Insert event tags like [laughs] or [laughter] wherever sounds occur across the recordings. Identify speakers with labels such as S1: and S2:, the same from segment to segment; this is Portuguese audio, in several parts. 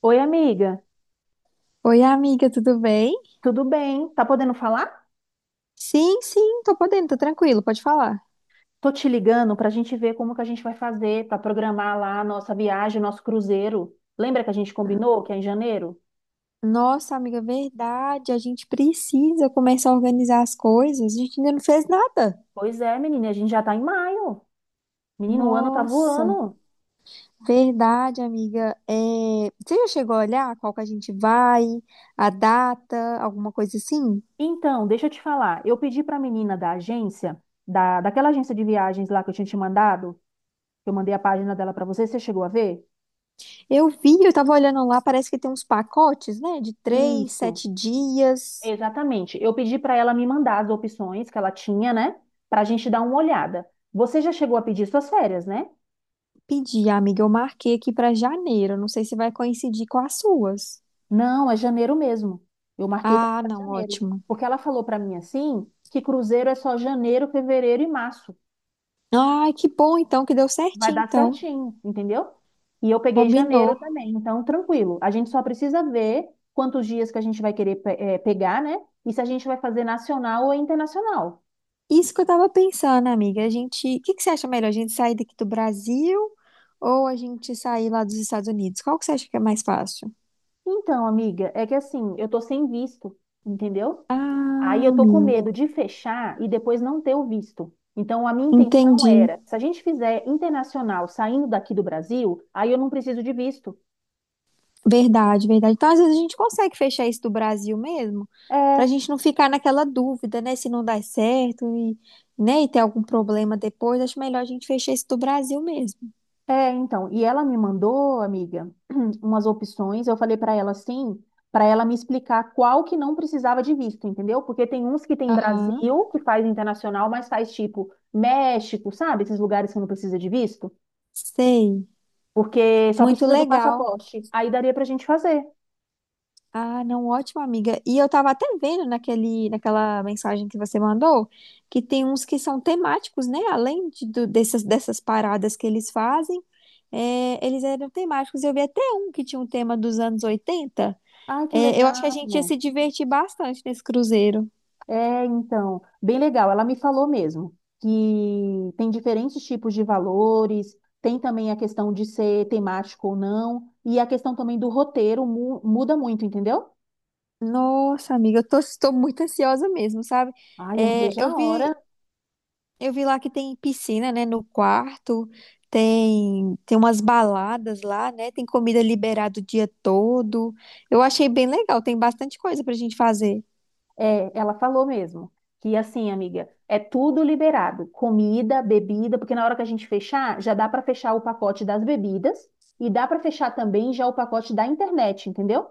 S1: Oi, amiga,
S2: Oi, amiga, tudo bem?
S1: tudo bem? Tá podendo falar?
S2: Sim, tô podendo, tô tranquilo, pode falar.
S1: Tô te ligando pra gente ver como que a gente vai fazer pra programar lá a nossa viagem, o nosso cruzeiro. Lembra que a gente combinou que é em janeiro?
S2: Nossa, amiga, verdade, a gente precisa começar a organizar as coisas, a gente ainda não fez nada.
S1: Pois é, menina, a gente já tá em maio. Menino, o ano tá
S2: Nossa,
S1: voando.
S2: verdade, amiga. Você já chegou a olhar qual que a gente vai, a data, alguma coisa assim?
S1: Então, deixa eu te falar. Eu pedi pra menina da agência, daquela agência de viagens lá que eu tinha te mandado, que eu mandei a página dela pra você, você chegou a ver?
S2: Eu vi, eu tava olhando lá, parece que tem uns pacotes, né, de três,
S1: Isso.
S2: sete dias.
S1: Exatamente. Eu pedi para ela me mandar as opções que ela tinha, né? Para a gente dar uma olhada. Você já chegou a pedir suas férias, né?
S2: Pedi, amiga, eu marquei aqui pra janeiro, não sei se vai coincidir com as suas.
S1: Não, é janeiro mesmo. Eu marquei também
S2: Ah,
S1: para
S2: não,
S1: janeiro.
S2: ótimo.
S1: Porque ela falou para mim assim que cruzeiro é só janeiro, fevereiro e março.
S2: Ai, que bom então, que deu
S1: Vai
S2: certinho
S1: dar
S2: então.
S1: certinho, entendeu? E eu peguei
S2: Combinou.
S1: janeiro também, então tranquilo. A gente só precisa ver quantos dias que a gente vai querer pegar, né? E se a gente vai fazer nacional ou internacional.
S2: Isso que eu tava pensando, amiga. A gente, o que que você acha melhor? A gente sair daqui do Brasil ou a gente sair lá dos Estados Unidos? Qual que você acha que é mais fácil?
S1: Então, amiga, é que assim, eu tô sem visto, entendeu? Aí
S2: Ah,
S1: eu tô com
S2: amiga.
S1: medo de fechar e depois não ter o visto. Então, a minha intenção
S2: Entendi.
S1: era, se a gente fizer internacional saindo daqui do Brasil, aí eu não preciso de visto.
S2: Verdade, verdade. Então, às vezes a gente consegue fechar isso do Brasil mesmo,
S1: É,
S2: pra gente não ficar naquela dúvida, né, se não dá certo e, né, e ter algum problema depois. Acho melhor a gente fechar isso do Brasil mesmo.
S1: então. E ela me mandou, amiga, [clears throat] umas opções. Eu falei para ela assim, para ela me explicar qual que não precisava de visto, entendeu? Porque tem uns que tem
S2: Aham.
S1: Brasil, que faz internacional, mas faz tipo México, sabe? Esses lugares que não precisa de visto,
S2: Sei.
S1: porque só
S2: Muito
S1: precisa do
S2: legal.
S1: passaporte. Aí daria pra gente fazer.
S2: Ah, não, ótima amiga. E eu tava até vendo naquela mensagem que você mandou que tem uns que são temáticos, né? Além dessas paradas que eles fazem, eles eram temáticos. Eu vi até um que tinha um tema dos anos 80.
S1: Ai, que
S2: É, eu acho que a
S1: legal.
S2: gente ia se divertir bastante nesse cruzeiro.
S1: É, então, bem legal. Ela me falou mesmo que tem diferentes tipos de valores, tem também a questão de ser temático ou não, e a questão também do roteiro muda muito, entendeu?
S2: Nossa, amiga, estou muito ansiosa mesmo, sabe?
S1: Ai, eu não
S2: É,
S1: vejo
S2: eu
S1: a
S2: vi.
S1: hora.
S2: Eu vi lá que tem piscina, né, no quarto, tem umas baladas lá, né? Tem comida liberada o dia todo. Eu achei bem legal, tem bastante coisa pra gente fazer.
S1: É, ela falou mesmo que assim, amiga, é tudo liberado, comida, bebida, porque na hora que a gente fechar, já dá para fechar o pacote das bebidas e dá para fechar também já o pacote da internet, entendeu?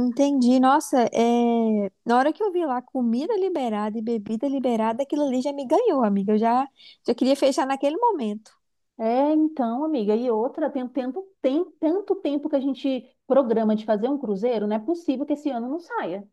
S2: Entendi, nossa, é... na hora que eu vi lá comida liberada e bebida liberada, aquilo ali já me ganhou, amiga. Eu já queria fechar naquele momento.
S1: É, então, amiga, e outra, tem tanto tempo que a gente programa de fazer um cruzeiro, não é possível que esse ano não saia.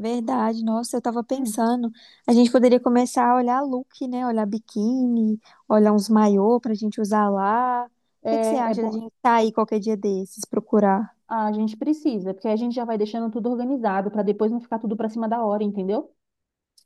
S2: Verdade, nossa, eu tava
S1: [clears throat]
S2: pensando, a gente poderia começar a olhar look, né? Olhar biquíni, olhar uns maiô pra gente usar lá. O que que você
S1: É, é
S2: acha da
S1: bom,
S2: gente sair qualquer dia desses, procurar?
S1: a gente precisa, porque a gente já vai deixando tudo organizado para depois não ficar tudo para cima da hora, entendeu?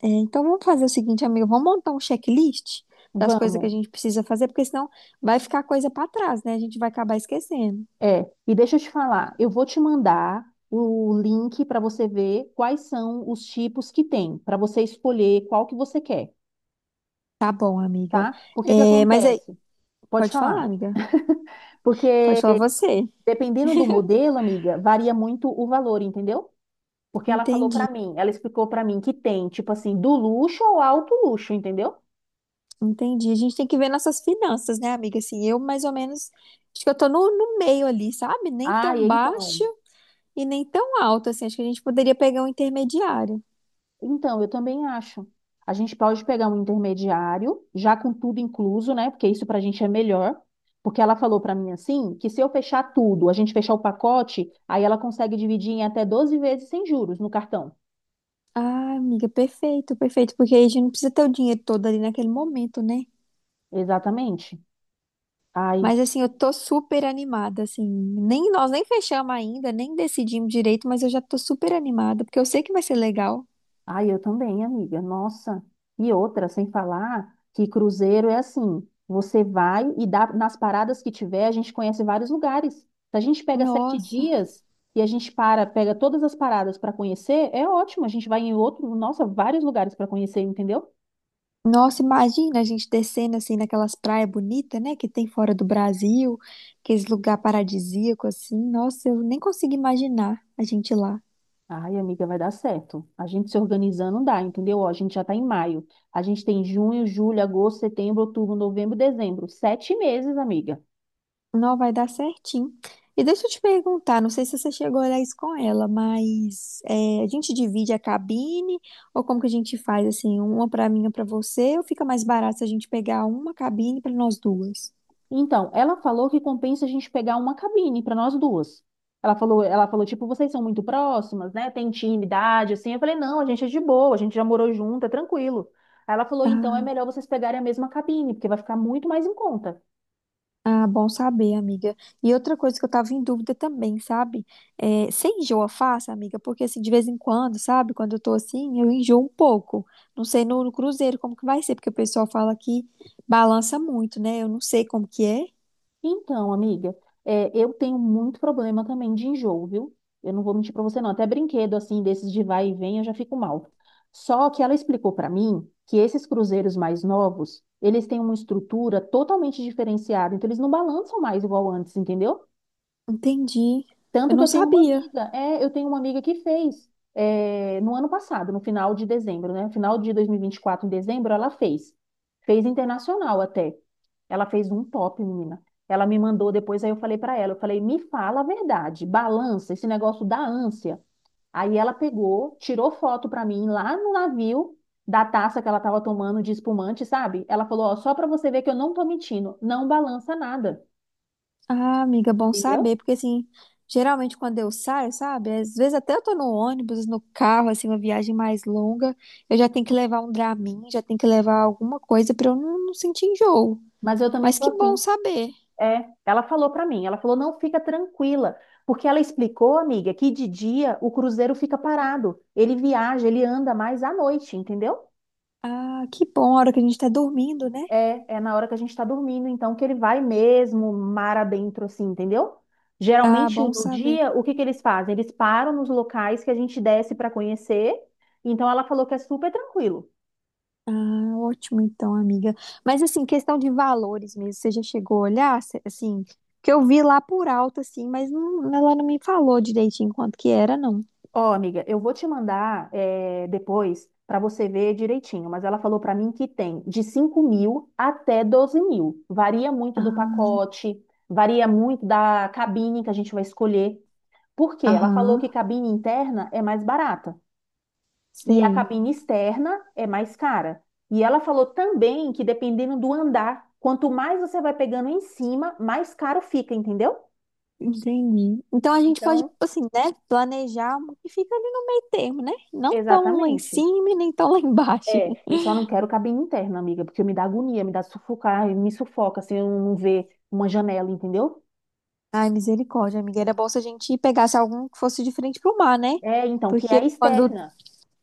S2: É, então vamos fazer o seguinte, amigo, vamos montar um checklist das coisas que a
S1: Vamos.
S2: gente precisa fazer, porque senão vai ficar coisa pra trás, né? A gente vai acabar esquecendo.
S1: É, e deixa eu te falar, eu vou te mandar o link para você ver quais são os tipos que tem, para você escolher qual que você quer,
S2: Tá bom, amiga.
S1: tá? Porque o que
S2: É, mas aí,
S1: acontece? Pode
S2: pode falar,
S1: falar.
S2: amiga. Pode falar
S1: Porque
S2: você.
S1: dependendo do modelo, amiga, varia muito o valor, entendeu? Porque ela falou
S2: Entendi.
S1: pra mim, ela explicou pra mim que tem, tipo assim, do luxo ao alto luxo, entendeu?
S2: Entendi. A gente tem que ver nossas finanças, né, amiga? Assim, eu mais ou menos, acho que eu tô no meio ali, sabe? Nem
S1: Ah,
S2: tão
S1: e então.
S2: baixo e nem tão alto, assim. Acho que a gente poderia pegar um intermediário.
S1: Então, eu também acho. A gente pode pegar um intermediário, já com tudo incluso, né? Porque isso pra gente é melhor. Porque ela falou pra mim assim, que se eu fechar tudo, a gente fechar o pacote, aí ela consegue dividir em até 12 vezes sem juros no cartão.
S2: Ah, amiga, perfeito, perfeito. Porque aí a gente não precisa ter o dinheiro todo ali naquele momento, né?
S1: Exatamente. Ai,
S2: Mas assim, eu tô super animada, assim. Nem nós nem fechamos ainda, nem decidimos direito, mas eu já tô super animada, porque eu sei que vai ser legal.
S1: Ai, eu também, amiga. Nossa. E outra, sem falar que cruzeiro é assim, você vai e dá nas paradas que tiver, a gente conhece vários lugares. Se a gente pega sete
S2: Nossa.
S1: dias e a gente para, pega todas as paradas para conhecer, é ótimo. A gente vai em outro, nossa, vários lugares para conhecer, entendeu?
S2: Nossa, imagina a gente descendo assim naquelas praias bonitas, né, que tem fora do Brasil, aqueles lugar paradisíaco assim. Nossa, eu nem consigo imaginar a gente lá.
S1: Ai, amiga, vai dar certo. A gente se organizando dá, entendeu? Ó, a gente já tá em maio. A gente tem junho, julho, agosto, setembro, outubro, novembro, dezembro. 7 meses, amiga.
S2: Não vai dar certinho. E deixa eu te perguntar, não sei se você chegou a olhar isso com ela, mas é, a gente divide a cabine ou como que a gente faz assim, uma pra mim, uma pra você, ou fica mais barato se a gente pegar uma cabine pra nós duas?
S1: Então, ela falou que compensa a gente pegar uma cabine para nós duas. Ela falou, tipo, vocês são muito próximas, né? Tem intimidade, assim. Eu falei, não, a gente é de boa, a gente já morou junto, é tranquilo. Aí ela falou, então é
S2: Ah.
S1: melhor vocês pegarem a mesma cabine, porque vai ficar muito mais em conta.
S2: Ah, bom saber, amiga. E outra coisa que eu tava em dúvida também, sabe? É, você enjoa fácil, amiga? Porque assim, de vez em quando, sabe? Quando eu tô assim, eu enjoo um pouco. Não sei no cruzeiro como que vai ser, porque o pessoal fala que balança muito, né? Eu não sei como que é.
S1: Então, amiga, é, eu tenho muito problema também de enjoo, viu? Eu não vou mentir pra você, não. Até brinquedo assim, desses de vai e vem, eu já fico mal. Só que ela explicou pra mim que esses cruzeiros mais novos, eles têm uma estrutura totalmente diferenciada, então eles não balançam mais igual antes, entendeu?
S2: Entendi. Eu
S1: Tanto que
S2: não sabia.
S1: eu tenho uma amiga que fez no ano passado, no final de dezembro, né? Final de dois mil e vinte e quatro em dezembro, ela fez. Fez internacional até. Ela fez um top, menina. Ela me mandou depois, aí eu falei pra ela, eu falei, me fala a verdade, balança esse negócio da ânsia. Aí ela pegou, tirou foto pra mim lá no navio da taça que ela tava tomando de espumante, sabe? Ela falou, ó, só pra você ver que eu não tô mentindo, não balança nada,
S2: Ah, amiga, bom
S1: entendeu?
S2: saber, porque assim, geralmente quando eu saio, sabe? Às vezes até eu tô no ônibus, no carro, assim, uma viagem mais longa, eu já tenho que levar um Dramin, já tenho que levar alguma coisa pra eu não sentir enjoo.
S1: Mas eu também
S2: Mas
S1: sou
S2: que bom
S1: assim.
S2: saber.
S1: É, ela falou pra mim, ela falou, não, fica tranquila, porque ela explicou, amiga, que de dia o cruzeiro fica parado, ele viaja, ele anda mais à noite, entendeu?
S2: Ah, que bom, a hora que a gente tá dormindo, né?
S1: É, é na hora que a gente tá dormindo, então que ele vai mesmo mar adentro, assim, entendeu?
S2: Ah,
S1: Geralmente
S2: bom
S1: no
S2: saber.
S1: dia, o que que eles fazem? Eles param nos locais que a gente desce pra conhecer, então ela falou que é super tranquilo.
S2: Ah, ótimo então, amiga. Mas assim, questão de valores mesmo, você já chegou a olhar, assim, que eu vi lá por alto, assim, mas ela não me falou direitinho quanto que era, não.
S1: Ó, amiga, eu vou te mandar depois para você ver direitinho, mas ela falou para mim que tem de 5.000 até 12.000. Varia muito do
S2: Ah,
S1: pacote, varia muito da cabine que a gente vai escolher. Por quê? Ela falou
S2: aham,
S1: que cabine interna é mais barata e a
S2: sei,
S1: cabine externa é mais cara. E ela falou também que dependendo do andar, quanto mais você vai pegando em cima, mais caro fica, entendeu?
S2: entendi. Então a gente pode,
S1: Então,
S2: assim, né, planejar um que fica ali no meio termo, né? Não tão lá em
S1: exatamente.
S2: cima e nem tão lá [laughs] embaixo.
S1: É, eu só não quero cabine interna, amiga, porque me dá agonia, me dá sufocar, me sufoca, assim, eu não ver uma janela, entendeu?
S2: Ai, misericórdia, amiga. Era bom se a gente pegasse algum que fosse de frente pro mar, né?
S1: É, então, que é
S2: Porque
S1: a
S2: quando
S1: externa.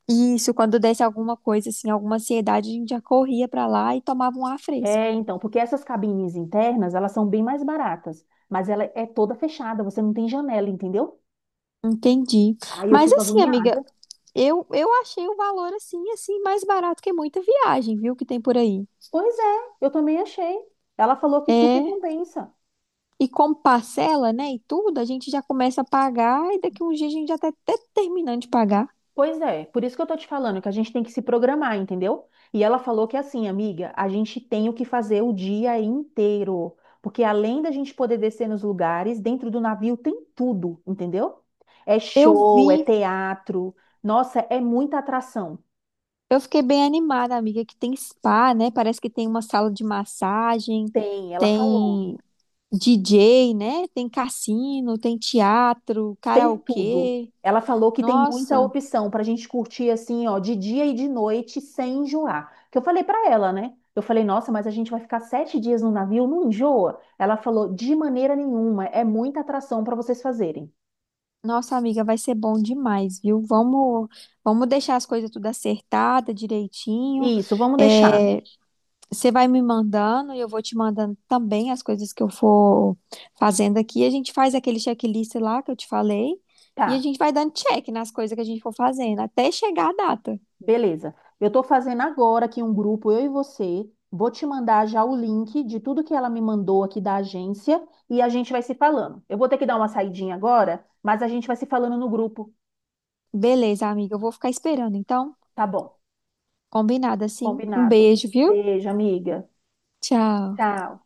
S2: Isso, quando desse alguma coisa, assim, alguma ansiedade, a gente já corria pra lá e tomava um ar fresco.
S1: É, então, porque essas cabines internas, elas são bem mais baratas, mas ela é toda fechada, você não tem janela, entendeu?
S2: Entendi.
S1: Aí eu
S2: Mas
S1: fico
S2: assim, amiga,
S1: agoniada.
S2: eu achei o valor assim, mais barato que muita viagem, viu, que tem por aí.
S1: Pois é, eu também achei. Ela falou que super
S2: É.
S1: compensa.
S2: E como parcela, né, e tudo, a gente já começa a pagar e daqui uns dias a gente já tá até terminando de pagar.
S1: Pois é, por isso que eu tô te falando que a gente tem que se programar, entendeu? E ela falou que é assim, amiga, a gente tem o que fazer o dia inteiro, porque além da gente poder descer nos lugares, dentro do navio tem tudo, entendeu? É
S2: Eu
S1: show, é
S2: vi.
S1: teatro, nossa, é muita atração.
S2: Eu fiquei bem animada, amiga, que tem spa, né? Parece que tem uma sala de massagem,
S1: Tem, ela falou.
S2: tem DJ, né? Tem cassino, tem teatro,
S1: Tem tudo.
S2: karaokê.
S1: Ela falou que tem muita
S2: Nossa,
S1: opção para a gente curtir assim, ó, de dia e de noite sem enjoar. Que eu falei para ela, né? Eu falei, nossa, mas a gente vai ficar 7 dias no navio, não enjoa? Ela falou, de maneira nenhuma, é muita atração para vocês fazerem.
S2: nossa amiga, vai ser bom demais, viu? Vamos, vamos deixar as coisas tudo acertada, direitinho.
S1: Isso, vamos deixar.
S2: É, Você vai me mandando e eu vou te mandando também as coisas que eu for fazendo aqui. A gente faz aquele checklist lá que eu te falei e a
S1: Tá,
S2: gente vai dando check nas coisas que a gente for fazendo até chegar a data.
S1: beleza. Eu tô fazendo agora aqui um grupo, eu e você. Vou te mandar já o link de tudo que ela me mandou aqui da agência e a gente vai se falando. Eu vou ter que dar uma saidinha agora, mas a gente vai se falando no grupo,
S2: Beleza, amiga, eu vou ficar esperando. Então,
S1: tá bom?
S2: combinado assim. Um
S1: Combinado.
S2: beijo, viu?
S1: Beijo, amiga.
S2: Tchau.
S1: Tchau.